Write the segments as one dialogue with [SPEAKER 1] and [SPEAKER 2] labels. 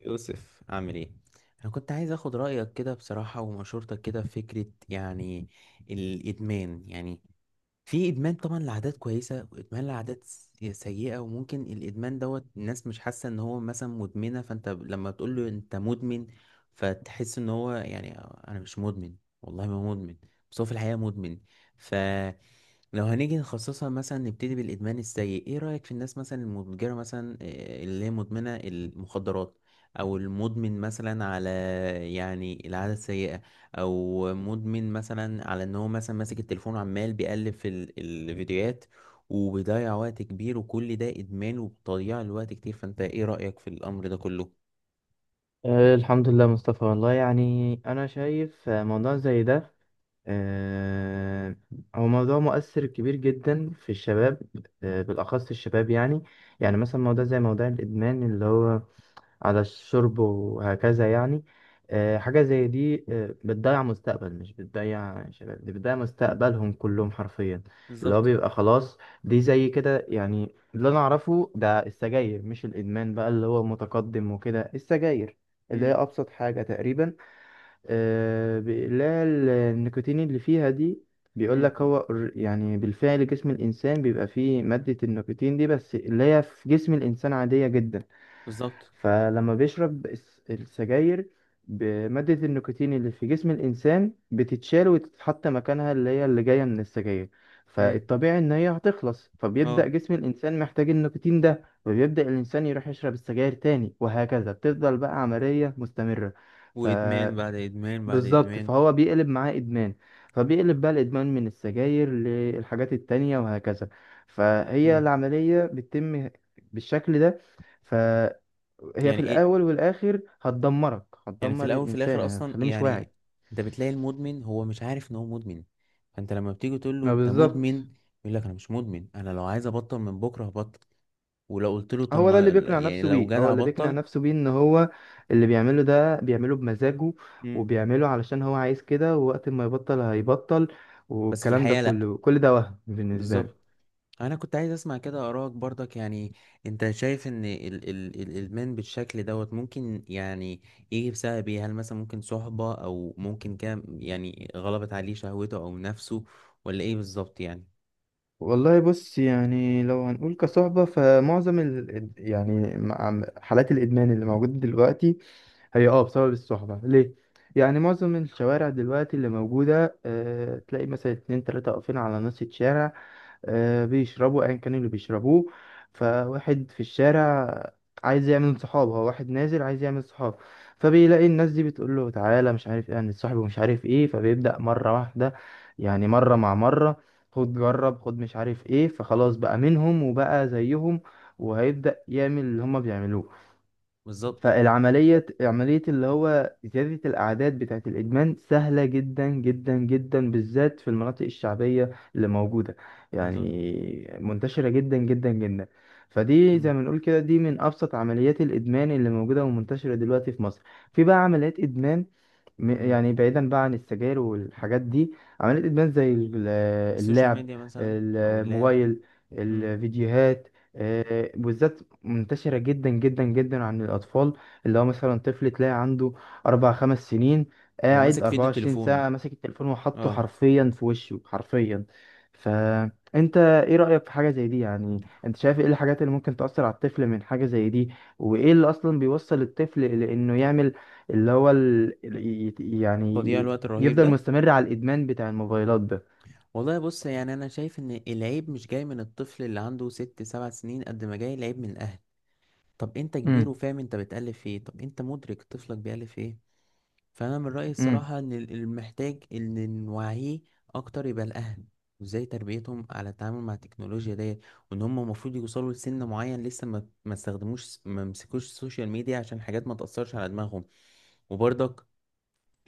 [SPEAKER 1] يوسف عامل ايه؟ انا كنت عايز اخد رايك كده بصراحه ومشورتك كده في فكره، يعني الادمان. يعني في ادمان طبعا لعادات كويسه، وادمان لعادات سيئه، وممكن الادمان دوت الناس مش حاسه ان هو مثلا مدمنه، فانت لما تقول له انت مدمن فتحس ان هو، يعني انا مش مدمن، والله ما مدمن. بس هو في الحقيقه مدمن. لو هنيجي نخصصها، مثلا نبتدي بالإدمان السيء، ايه رأيك في الناس مثلا المتجرة مثلا، آه، اللي هي مدمنة المخدرات، او المدمن مثلا على يعني العادة السيئة، او مدمن مثلا على ان هو مثلا ماسك التليفون وعمال بيقلب في الفيديوهات وبيضيع وقت كبير، وكل ده إدمان وتضييع الوقت كتير. فانت ايه رأيك في الأمر ده كله؟
[SPEAKER 2] الحمد لله مصطفى، والله يعني أنا شايف موضوع زي ده، آه، هو موضوع مؤثر كبير جدا في الشباب، بالأخص الشباب يعني. يعني
[SPEAKER 1] مم.
[SPEAKER 2] مثلا موضوع زي موضوع الإدمان اللي هو على الشرب وهكذا، يعني حاجة زي دي بتضيع مستقبل، مش بتضيع شباب، دي بتضيع مستقبلهم كلهم حرفيا. اللي هو
[SPEAKER 1] بالظبط.
[SPEAKER 2] بيبقى خلاص، دي زي كده يعني اللي أنا أعرفه ده السجاير. مش الإدمان بقى اللي هو متقدم وكده، السجاير اللي هي
[SPEAKER 1] مم.
[SPEAKER 2] أبسط حاجة تقريبا. اللي هي النيكوتين اللي فيها دي، بيقول
[SPEAKER 1] مم.
[SPEAKER 2] لك هو يعني بالفعل جسم الإنسان بيبقى فيه مادة النيكوتين دي، بس اللي هي في جسم الإنسان عادية جدا.
[SPEAKER 1] بالظبط.
[SPEAKER 2] فلما بيشرب السجاير، مادة النيكوتين اللي في جسم الإنسان بتتشال وتتحط مكانها اللي هي اللي جاية من السجاير.
[SPEAKER 1] امم.
[SPEAKER 2] فالطبيعي إن هي هتخلص، فبيبدأ
[SPEAKER 1] اه،
[SPEAKER 2] جسم الإنسان محتاج النيكوتين ده، فبيبدأ الإنسان يروح يشرب السجاير تاني، وهكذا بتفضل بقى عملية مستمرة. ف
[SPEAKER 1] وادمان بعد ادمان بعد
[SPEAKER 2] بالظبط،
[SPEAKER 1] ادمان.
[SPEAKER 2] فهو بيقلب معاه إدمان، فبيقلب بقى الإدمان من السجاير للحاجات التانية وهكذا. فهي
[SPEAKER 1] امم.
[SPEAKER 2] العملية بتتم بالشكل ده. هي في
[SPEAKER 1] يعني ايه؟
[SPEAKER 2] الاول والاخر هتدمرك،
[SPEAKER 1] يعني في
[SPEAKER 2] هتدمر
[SPEAKER 1] الاول في
[SPEAKER 2] الانسان،
[SPEAKER 1] الاخر اصلا،
[SPEAKER 2] هتخليه مش واعي.
[SPEAKER 1] يعني انت بتلاقي المدمن هو مش عارف ان هو مدمن، فانت لما بتيجي تقول له
[SPEAKER 2] ما
[SPEAKER 1] انت مدمن
[SPEAKER 2] بالظبط.
[SPEAKER 1] يقول لك انا مش مدمن، انا لو عايز ابطل من بكره هبطل. ولو قلت له طب
[SPEAKER 2] هو ده اللي
[SPEAKER 1] ما
[SPEAKER 2] بيقنع
[SPEAKER 1] يعني
[SPEAKER 2] نفسه
[SPEAKER 1] لو
[SPEAKER 2] بيه، هو
[SPEAKER 1] جدع
[SPEAKER 2] اللي بيقنع
[SPEAKER 1] بطل.
[SPEAKER 2] نفسه بيه ان هو اللي بيعمله ده بيعمله بمزاجه،
[SPEAKER 1] امم.
[SPEAKER 2] وبيعمله علشان هو عايز كده، ووقت ما يبطل هيبطل،
[SPEAKER 1] بس في
[SPEAKER 2] والكلام ده
[SPEAKER 1] الحقيقه لا.
[SPEAKER 2] كله كل ده وهم بالنسبة
[SPEAKER 1] بالظبط.
[SPEAKER 2] له.
[SPEAKER 1] انا كنت عايز اسمع كده ارائك برضك، يعني انت شايف ان ال ال الادمان بالشكل دوت ممكن يعني يجي بسبب ايه؟ هل مثلا ممكن صحبه، او ممكن كده يعني غلبت عليه شهوته او نفسه، ولا ايه بالظبط يعني؟
[SPEAKER 2] والله بص، يعني لو هنقول كصحبة فمعظم حالات الإدمان اللي موجودة دلوقتي هي اه بسبب الصحبة. ليه؟ يعني معظم الشوارع دلوقتي اللي موجودة أه تلاقي مثلا اتنين تلاتة واقفين على نص الشارع، أه بيشربوا أيا كان اللي بيشربوه. فواحد في الشارع عايز يعمل صحاب، هو واحد نازل عايز يعمل صحاب، فبيلاقي الناس دي بتقول له تعالى مش عارف ايه هنتصاحب ومش عارف ايه، فبيبدأ مرة واحدة. يعني مرة مع مرة، خد جرب خد مش عارف ايه، فخلاص بقى منهم وبقى زيهم، وهيبدأ يعمل اللي هما بيعملوه.
[SPEAKER 1] بالظبط.
[SPEAKER 2] فالعملية عملية اللي هو زيادة الأعداد بتاعة الإدمان سهلة جدا جدا جدا، بالذات في المناطق الشعبية اللي موجودة.
[SPEAKER 1] بالظبط.
[SPEAKER 2] يعني منتشرة جدا جدا جدا. فدي
[SPEAKER 1] مم.
[SPEAKER 2] زي ما نقول كده دي من أبسط عمليات الإدمان اللي موجودة ومنتشرة دلوقتي في مصر. في بقى عمليات إدمان،
[SPEAKER 1] مم.
[SPEAKER 2] يعني بعيدا بقى عن السجاير والحاجات دي، عمليات ادمان زي
[SPEAKER 1] السوشيال
[SPEAKER 2] اللعب،
[SPEAKER 1] ميديا مثلا، او اللعب.
[SPEAKER 2] الموبايل،
[SPEAKER 1] مم.
[SPEAKER 2] الفيديوهات. بالذات منتشرة جدا جدا جدا عن الأطفال. اللي هو مثلا طفل تلاقي عنده 4 أو 5 سنين،
[SPEAKER 1] هو
[SPEAKER 2] قاعد
[SPEAKER 1] ماسك
[SPEAKER 2] أربعة
[SPEAKER 1] فيديو
[SPEAKER 2] وعشرين
[SPEAKER 1] تليفون.
[SPEAKER 2] ساعة ماسك التليفون وحاطه
[SPEAKER 1] اه،
[SPEAKER 2] حرفيا في وشه حرفيا. فأنت إيه رأيك في حاجة زي دي؟ يعني أنت شايف إيه الحاجات اللي ممكن تأثر على الطفل من حاجة زي دي، وإيه اللي أصلا بيوصل الطفل لإنه يعمل اللي هو يعني
[SPEAKER 1] تضييع الوقت الرهيب
[SPEAKER 2] يفضل
[SPEAKER 1] ده.
[SPEAKER 2] مستمر على الإدمان بتاع الموبايلات ده.
[SPEAKER 1] والله بص، يعني انا شايف ان العيب مش جاي من الطفل اللي عنده 6 7 سنين، قد ما جاي العيب من الاهل. طب انت كبير
[SPEAKER 2] امم.
[SPEAKER 1] وفاهم، انت بتألف ايه؟ طب انت مدرك طفلك بيألف ايه؟ فانا من رايي
[SPEAKER 2] امم.
[SPEAKER 1] الصراحه ان المحتاج ان نوعيه اكتر يبقى الاهل، وازاي تربيتهم على التعامل مع التكنولوجيا ديت، وان هم المفروض يوصلوا لسن معين لسه ما استخدموش، ما مسكوش السوشيال ميديا عشان حاجات ما تاثرش على دماغهم. وبرضك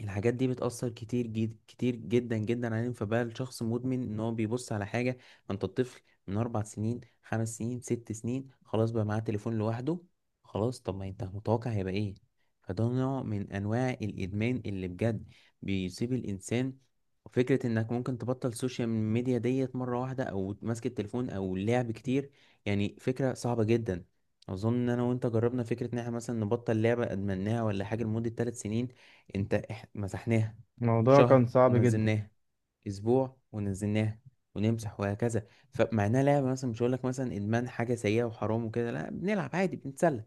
[SPEAKER 1] الحاجات دي بتأثر كتير جد، كتير جدا جدا عليهم. فبقى الشخص مدمن ان هو بيبص على حاجة. ما انت الطفل من 4 سنين، 5 سنين، 6 سنين، خلاص بقى معاه تليفون لوحده. خلاص، طب ما انت متوقع هيبقى ايه؟ فده نوع من انواع الادمان اللي بجد بيصيب الانسان. وفكرة انك ممكن تبطل السوشيال ميديا ديت مرة واحدة، او ماسك التليفون او لعب كتير، يعني فكرة صعبة جدا. اظن ان انا وانت جربنا فكرة ان احنا مثلا نبطل لعبة ادمناها ولا حاجة لمدة 3 سنين. انت مسحناها
[SPEAKER 2] الموضوع
[SPEAKER 1] شهر
[SPEAKER 2] كان صعب جدا.
[SPEAKER 1] ونزلناها، اسبوع ونزلناها، ونمسح، وهكذا. فمع انها لعبه، مثلا مش هقول لك مثلا ادمان حاجه سيئه وحرام وكده، لا بنلعب عادي، بنتسلى،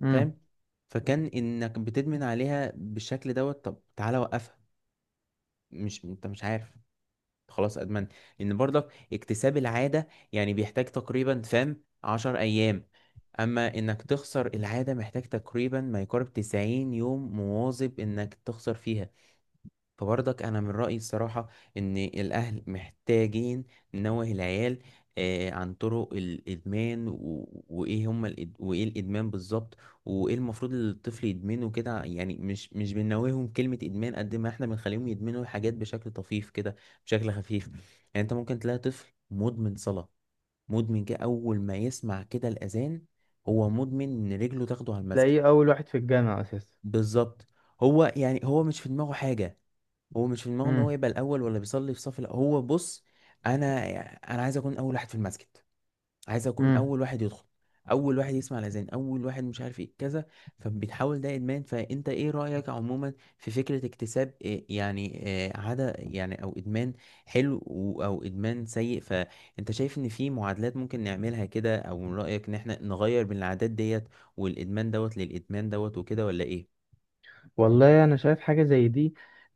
[SPEAKER 2] امم.
[SPEAKER 1] فاهم؟ فكان انك بتدمن عليها بالشكل دوت، طب تعالى وقفها، مش انت مش عارف، خلاص ادمنت. ان برضك اكتساب العاده يعني بيحتاج تقريبا، فاهم، 10 ايام، اما انك تخسر العاده محتاج تقريبا ما يقارب 90 يوم مواظب انك تخسر فيها. فبرضك انا من رايي الصراحه ان الاهل محتاجين ننوه العيال، آه، عن طرق الادمان وايه هم وايه الادمان بالظبط، وايه المفروض الطفل يدمنه كده. يعني مش بننوههم كلمه ادمان قد ما احنا بنخليهم يدمنوا الحاجات بشكل طفيف كده، بشكل خفيف يعني. انت ممكن تلاقي طفل مدمن صلاه، مدمن كده اول ما يسمع كده الاذان، هو مدمن ان رجله تاخده على المسجد.
[SPEAKER 2] تلاقيه أول واحد في الجامعة أساسا.
[SPEAKER 1] بالظبط. هو يعني هو مش في دماغه حاجه، هو مش في دماغه ان هو يبقى الاول ولا بيصلي في صف الأول. هو بص، انا انا عايز اكون اول واحد في المسجد، عايز اكون
[SPEAKER 2] امم.
[SPEAKER 1] اول واحد يدخل، اول واحد يسمع الاذان، اول واحد مش عارف ايه كذا. فبتحاول، ده ادمان. فانت ايه رايك عموما في فكره اكتساب إيه يعني، إيه عاده يعني، او ادمان حلو، او ادمان سيء؟ فانت شايف ان في معادلات ممكن نعملها كده، او من رايك ان احنا نغير من العادات ديت والادمان دوت للادمان دوت وكده، ولا ايه؟ مم.
[SPEAKER 2] والله انا شايف حاجه زي دي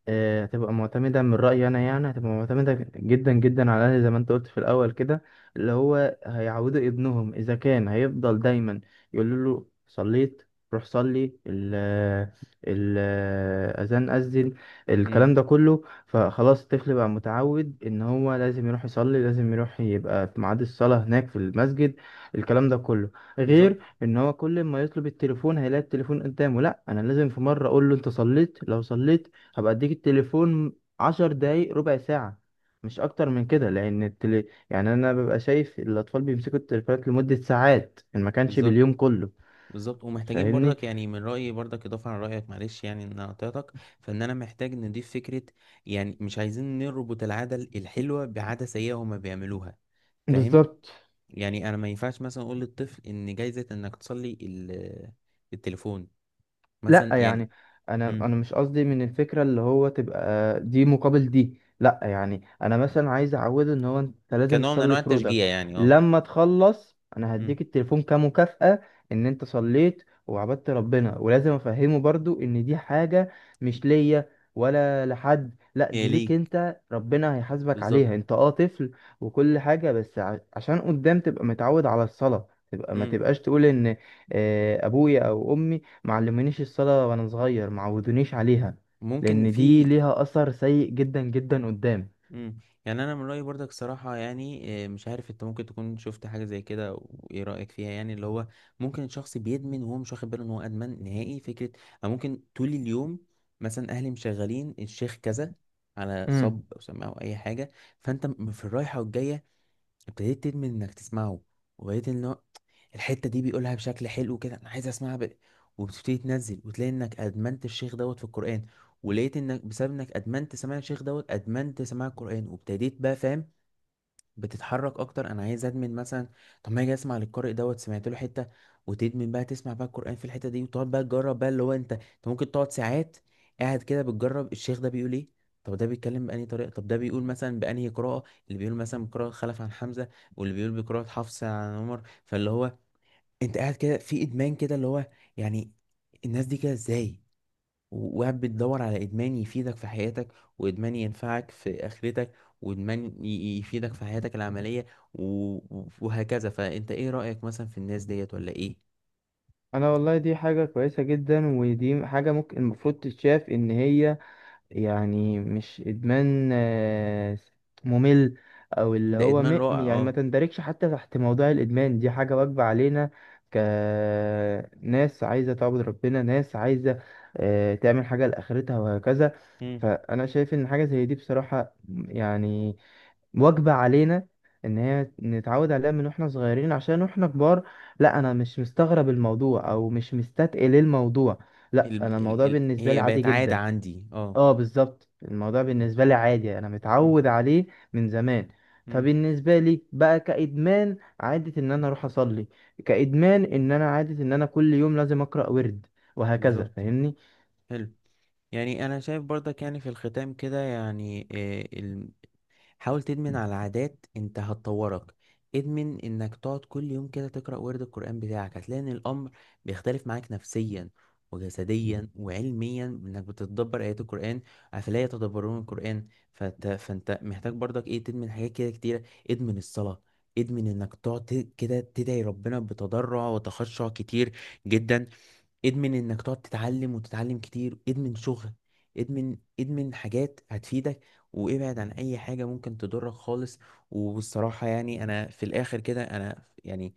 [SPEAKER 2] هتبقى معتمده من رايي انا، يعني هتبقى معتمده جدا جدا على زي ما انت قلت في الاول كده، اللي هو هيعودوا ابنهم اذا كان هيفضل دايما يقول له صليت، روح صلي ال ال اذان اذن، الكلام
[SPEAKER 1] مم.
[SPEAKER 2] ده كله. فخلاص الطفل بقى متعود ان هو لازم يروح يصلي، لازم يروح يبقى في ميعاد الصلاه هناك في المسجد، الكلام ده كله.
[SPEAKER 1] بالظبط.
[SPEAKER 2] غير ان هو كل ما يطلب التليفون هيلاقي التليفون قدامه. لا، انا لازم في مره اقول له انت صليت؟ لو صليت هبقى اديك التليفون 10 دقايق، ربع ساعه، مش اكتر من كده، لان يعني انا ببقى شايف الاطفال بيمسكوا التليفونات لمده ساعات ان ما كانش
[SPEAKER 1] بالظبط.
[SPEAKER 2] باليوم كله.
[SPEAKER 1] بالظبط، ومحتاجين
[SPEAKER 2] فاهمني.
[SPEAKER 1] برضك، يعني من رأيي برضك إضافة عن رأيك، معلش يعني إن أنا قطعتك، فإن أنا محتاج نضيف فكرة. يعني مش عايزين نربط العادة الحلوة بعادة سيئة هما بيعملوها، فاهم؟
[SPEAKER 2] بالظبط.
[SPEAKER 1] يعني انا ما ينفعش مثلا اقول للطفل ان جايزة انك تصلي التليفون
[SPEAKER 2] لا
[SPEAKER 1] مثلا، يعني.
[SPEAKER 2] يعني انا
[SPEAKER 1] مم.
[SPEAKER 2] انا مش قصدي من الفكره اللي هو تبقى دي مقابل دي، لا يعني انا مثلا عايز اعوده ان هو انت لازم
[SPEAKER 1] كنوع من
[SPEAKER 2] تصلي
[SPEAKER 1] انواع
[SPEAKER 2] فروضك،
[SPEAKER 1] التشجيع يعني، اه.
[SPEAKER 2] لما تخلص انا
[SPEAKER 1] مم.
[SPEAKER 2] هديك التليفون كمكافأة ان انت صليت وعبدت ربنا. ولازم افهمه برضو ان دي حاجه مش ليا ولا لحد، لا
[SPEAKER 1] هي
[SPEAKER 2] دي ليك
[SPEAKER 1] ليك.
[SPEAKER 2] انت، ربنا هيحاسبك
[SPEAKER 1] بالظبط.
[SPEAKER 2] عليها انت، اه طفل، وكل حاجه. بس عشان قدام تبقى متعود على الصلاه، تبقى ما
[SPEAKER 1] مم.
[SPEAKER 2] تبقاش تقول ان ابويا او امي معلمينيش الصلاة وانا صغير معودونيش عليها،
[SPEAKER 1] ممكن
[SPEAKER 2] لان دي
[SPEAKER 1] في.
[SPEAKER 2] ليها اثر سيء جدا جدا قدام.
[SPEAKER 1] مم. يعني انا من رأيي برضك صراحة، يعني آه، مش عارف انت ممكن تكون شفت حاجة زي كده وايه رأيك فيها، يعني اللي هو ممكن الشخص بيدمن وهو مش واخد باله ان هو ادمن نهائي فكرة. او ممكن طول اليوم مثلا اهلي مشغلين الشيخ كذا على صب
[SPEAKER 2] امم.
[SPEAKER 1] او سماعه او اي حاجة، فانت في الرايحة والجاية ابتديت تدمن انك تسمعه، وبقيت ان هو الحته دي بيقولها بشكل حلو كده، انا عايز اسمعها وبتبتدي تنزل وتلاقي انك ادمنت الشيخ دوت في القران، ولقيت انك بسبب انك ادمنت سماع الشيخ دوت ادمنت سماع القران، وابتديت بقى، فاهم، بتتحرك اكتر، انا عايز ادمن مثلا. طب ما اجي اسمع للقارئ دوت، سمعت له حته، وتدمن بقى تسمع بقى القران في الحته دي، وتقعد بقى تجرب بقى اللي هو، انت ممكن تقعد ساعات قاعد كده بتجرب الشيخ ده بيقول ايه. طب ده بيتكلم بأنهي طريقة، طب ده بيقول مثلا بأنهي قراءة، اللي بيقول مثلا بقراءة خلف عن حمزة، واللي بيقول بقراءة حفص عن عمر. فاللي هو انت قاعد كده في إدمان كده، اللي هو، يعني الناس دي كده ازاي، وقاعد بتدور على إدمان يفيدك في حياتك، وإدمان ينفعك في آخرتك، وإدمان يفيدك في حياتك العملية، و- وهكذا. فأنت إيه رأيك مثلا في الناس ديت ولا إيه؟
[SPEAKER 2] انا والله دي حاجة كويسة جدا، ودي حاجة ممكن المفروض تتشاف ان هي، يعني مش ادمان ممل، او اللي
[SPEAKER 1] ده
[SPEAKER 2] هو
[SPEAKER 1] إدمان رائع،
[SPEAKER 2] يعني ما
[SPEAKER 1] أه.
[SPEAKER 2] تندرجش حتى تحت موضوع الادمان. دي حاجة واجبة علينا كناس عايزة تعبد ربنا، ناس عايزة تعمل حاجة لآخرتها وهكذا.
[SPEAKER 1] مم.
[SPEAKER 2] فانا شايف ان حاجة زي دي بصراحة، يعني واجبة علينا ان هي نتعود عليها من واحنا صغيرين عشان واحنا كبار. لا انا مش مستغرب الموضوع او مش مستثقل الموضوع، لا انا
[SPEAKER 1] ال...
[SPEAKER 2] الموضوع بالنسبة لي
[SPEAKER 1] هي
[SPEAKER 2] عادي
[SPEAKER 1] بقت عادة
[SPEAKER 2] جدا.
[SPEAKER 1] عندي، أه.
[SPEAKER 2] اه بالظبط، الموضوع بالنسبة لي عادي، انا
[SPEAKER 1] مم.
[SPEAKER 2] متعود عليه من زمان.
[SPEAKER 1] مم.
[SPEAKER 2] فبالنسبة لي بقى كإدمان عادة ان انا اروح اصلي، كإدمان ان انا عادة ان انا كل يوم لازم اقرأ ورد وهكذا،
[SPEAKER 1] بالظبط.
[SPEAKER 2] فاهمني.
[SPEAKER 1] حلو. يعني انا شايف برضك، يعني في الختام كده يعني، حاول تدمن على عادات انت هتطورك. ادمن انك تقعد كل يوم كده تقرأ ورد القرآن بتاعك، هتلاقي ان الامر بيختلف معاك نفسيا وجسديا وعلميا، انك بتتدبر ايات القرآن، افلا يتدبرون القرآن. فانت محتاج برضك ايه تدمن حاجات كده كتيرة. ادمن الصلاة، ادمن انك تقعد كده تدعي ربنا بتضرع وتخشع كتير جدا. ادمن انك تقعد تتعلم وتتعلم كتير، ادمن شغل، ادمن حاجات هتفيدك، وابعد عن اي حاجة ممكن تضرك خالص. وبالصراحة يعني انا في الاخر كده انا يعني،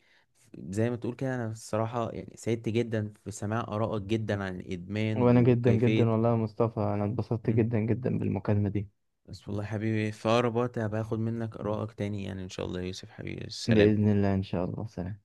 [SPEAKER 1] زي ما تقول كده، انا الصراحة يعني سعدت جدا في سماع آرائك جدا عن الادمان
[SPEAKER 2] وانا جدا
[SPEAKER 1] وكيفية.
[SPEAKER 2] جدا والله يا مصطفى انا اتبسطت
[SPEAKER 1] مم.
[SPEAKER 2] جدا جدا بالمكالمة دي.
[SPEAKER 1] بس والله حبيبي في اقرب وقت هبقى اخد منك آرائك تاني، يعني ان شاء الله يا يوسف حبيبي، السلام.
[SPEAKER 2] بإذن الله، ان شاء الله، سلام.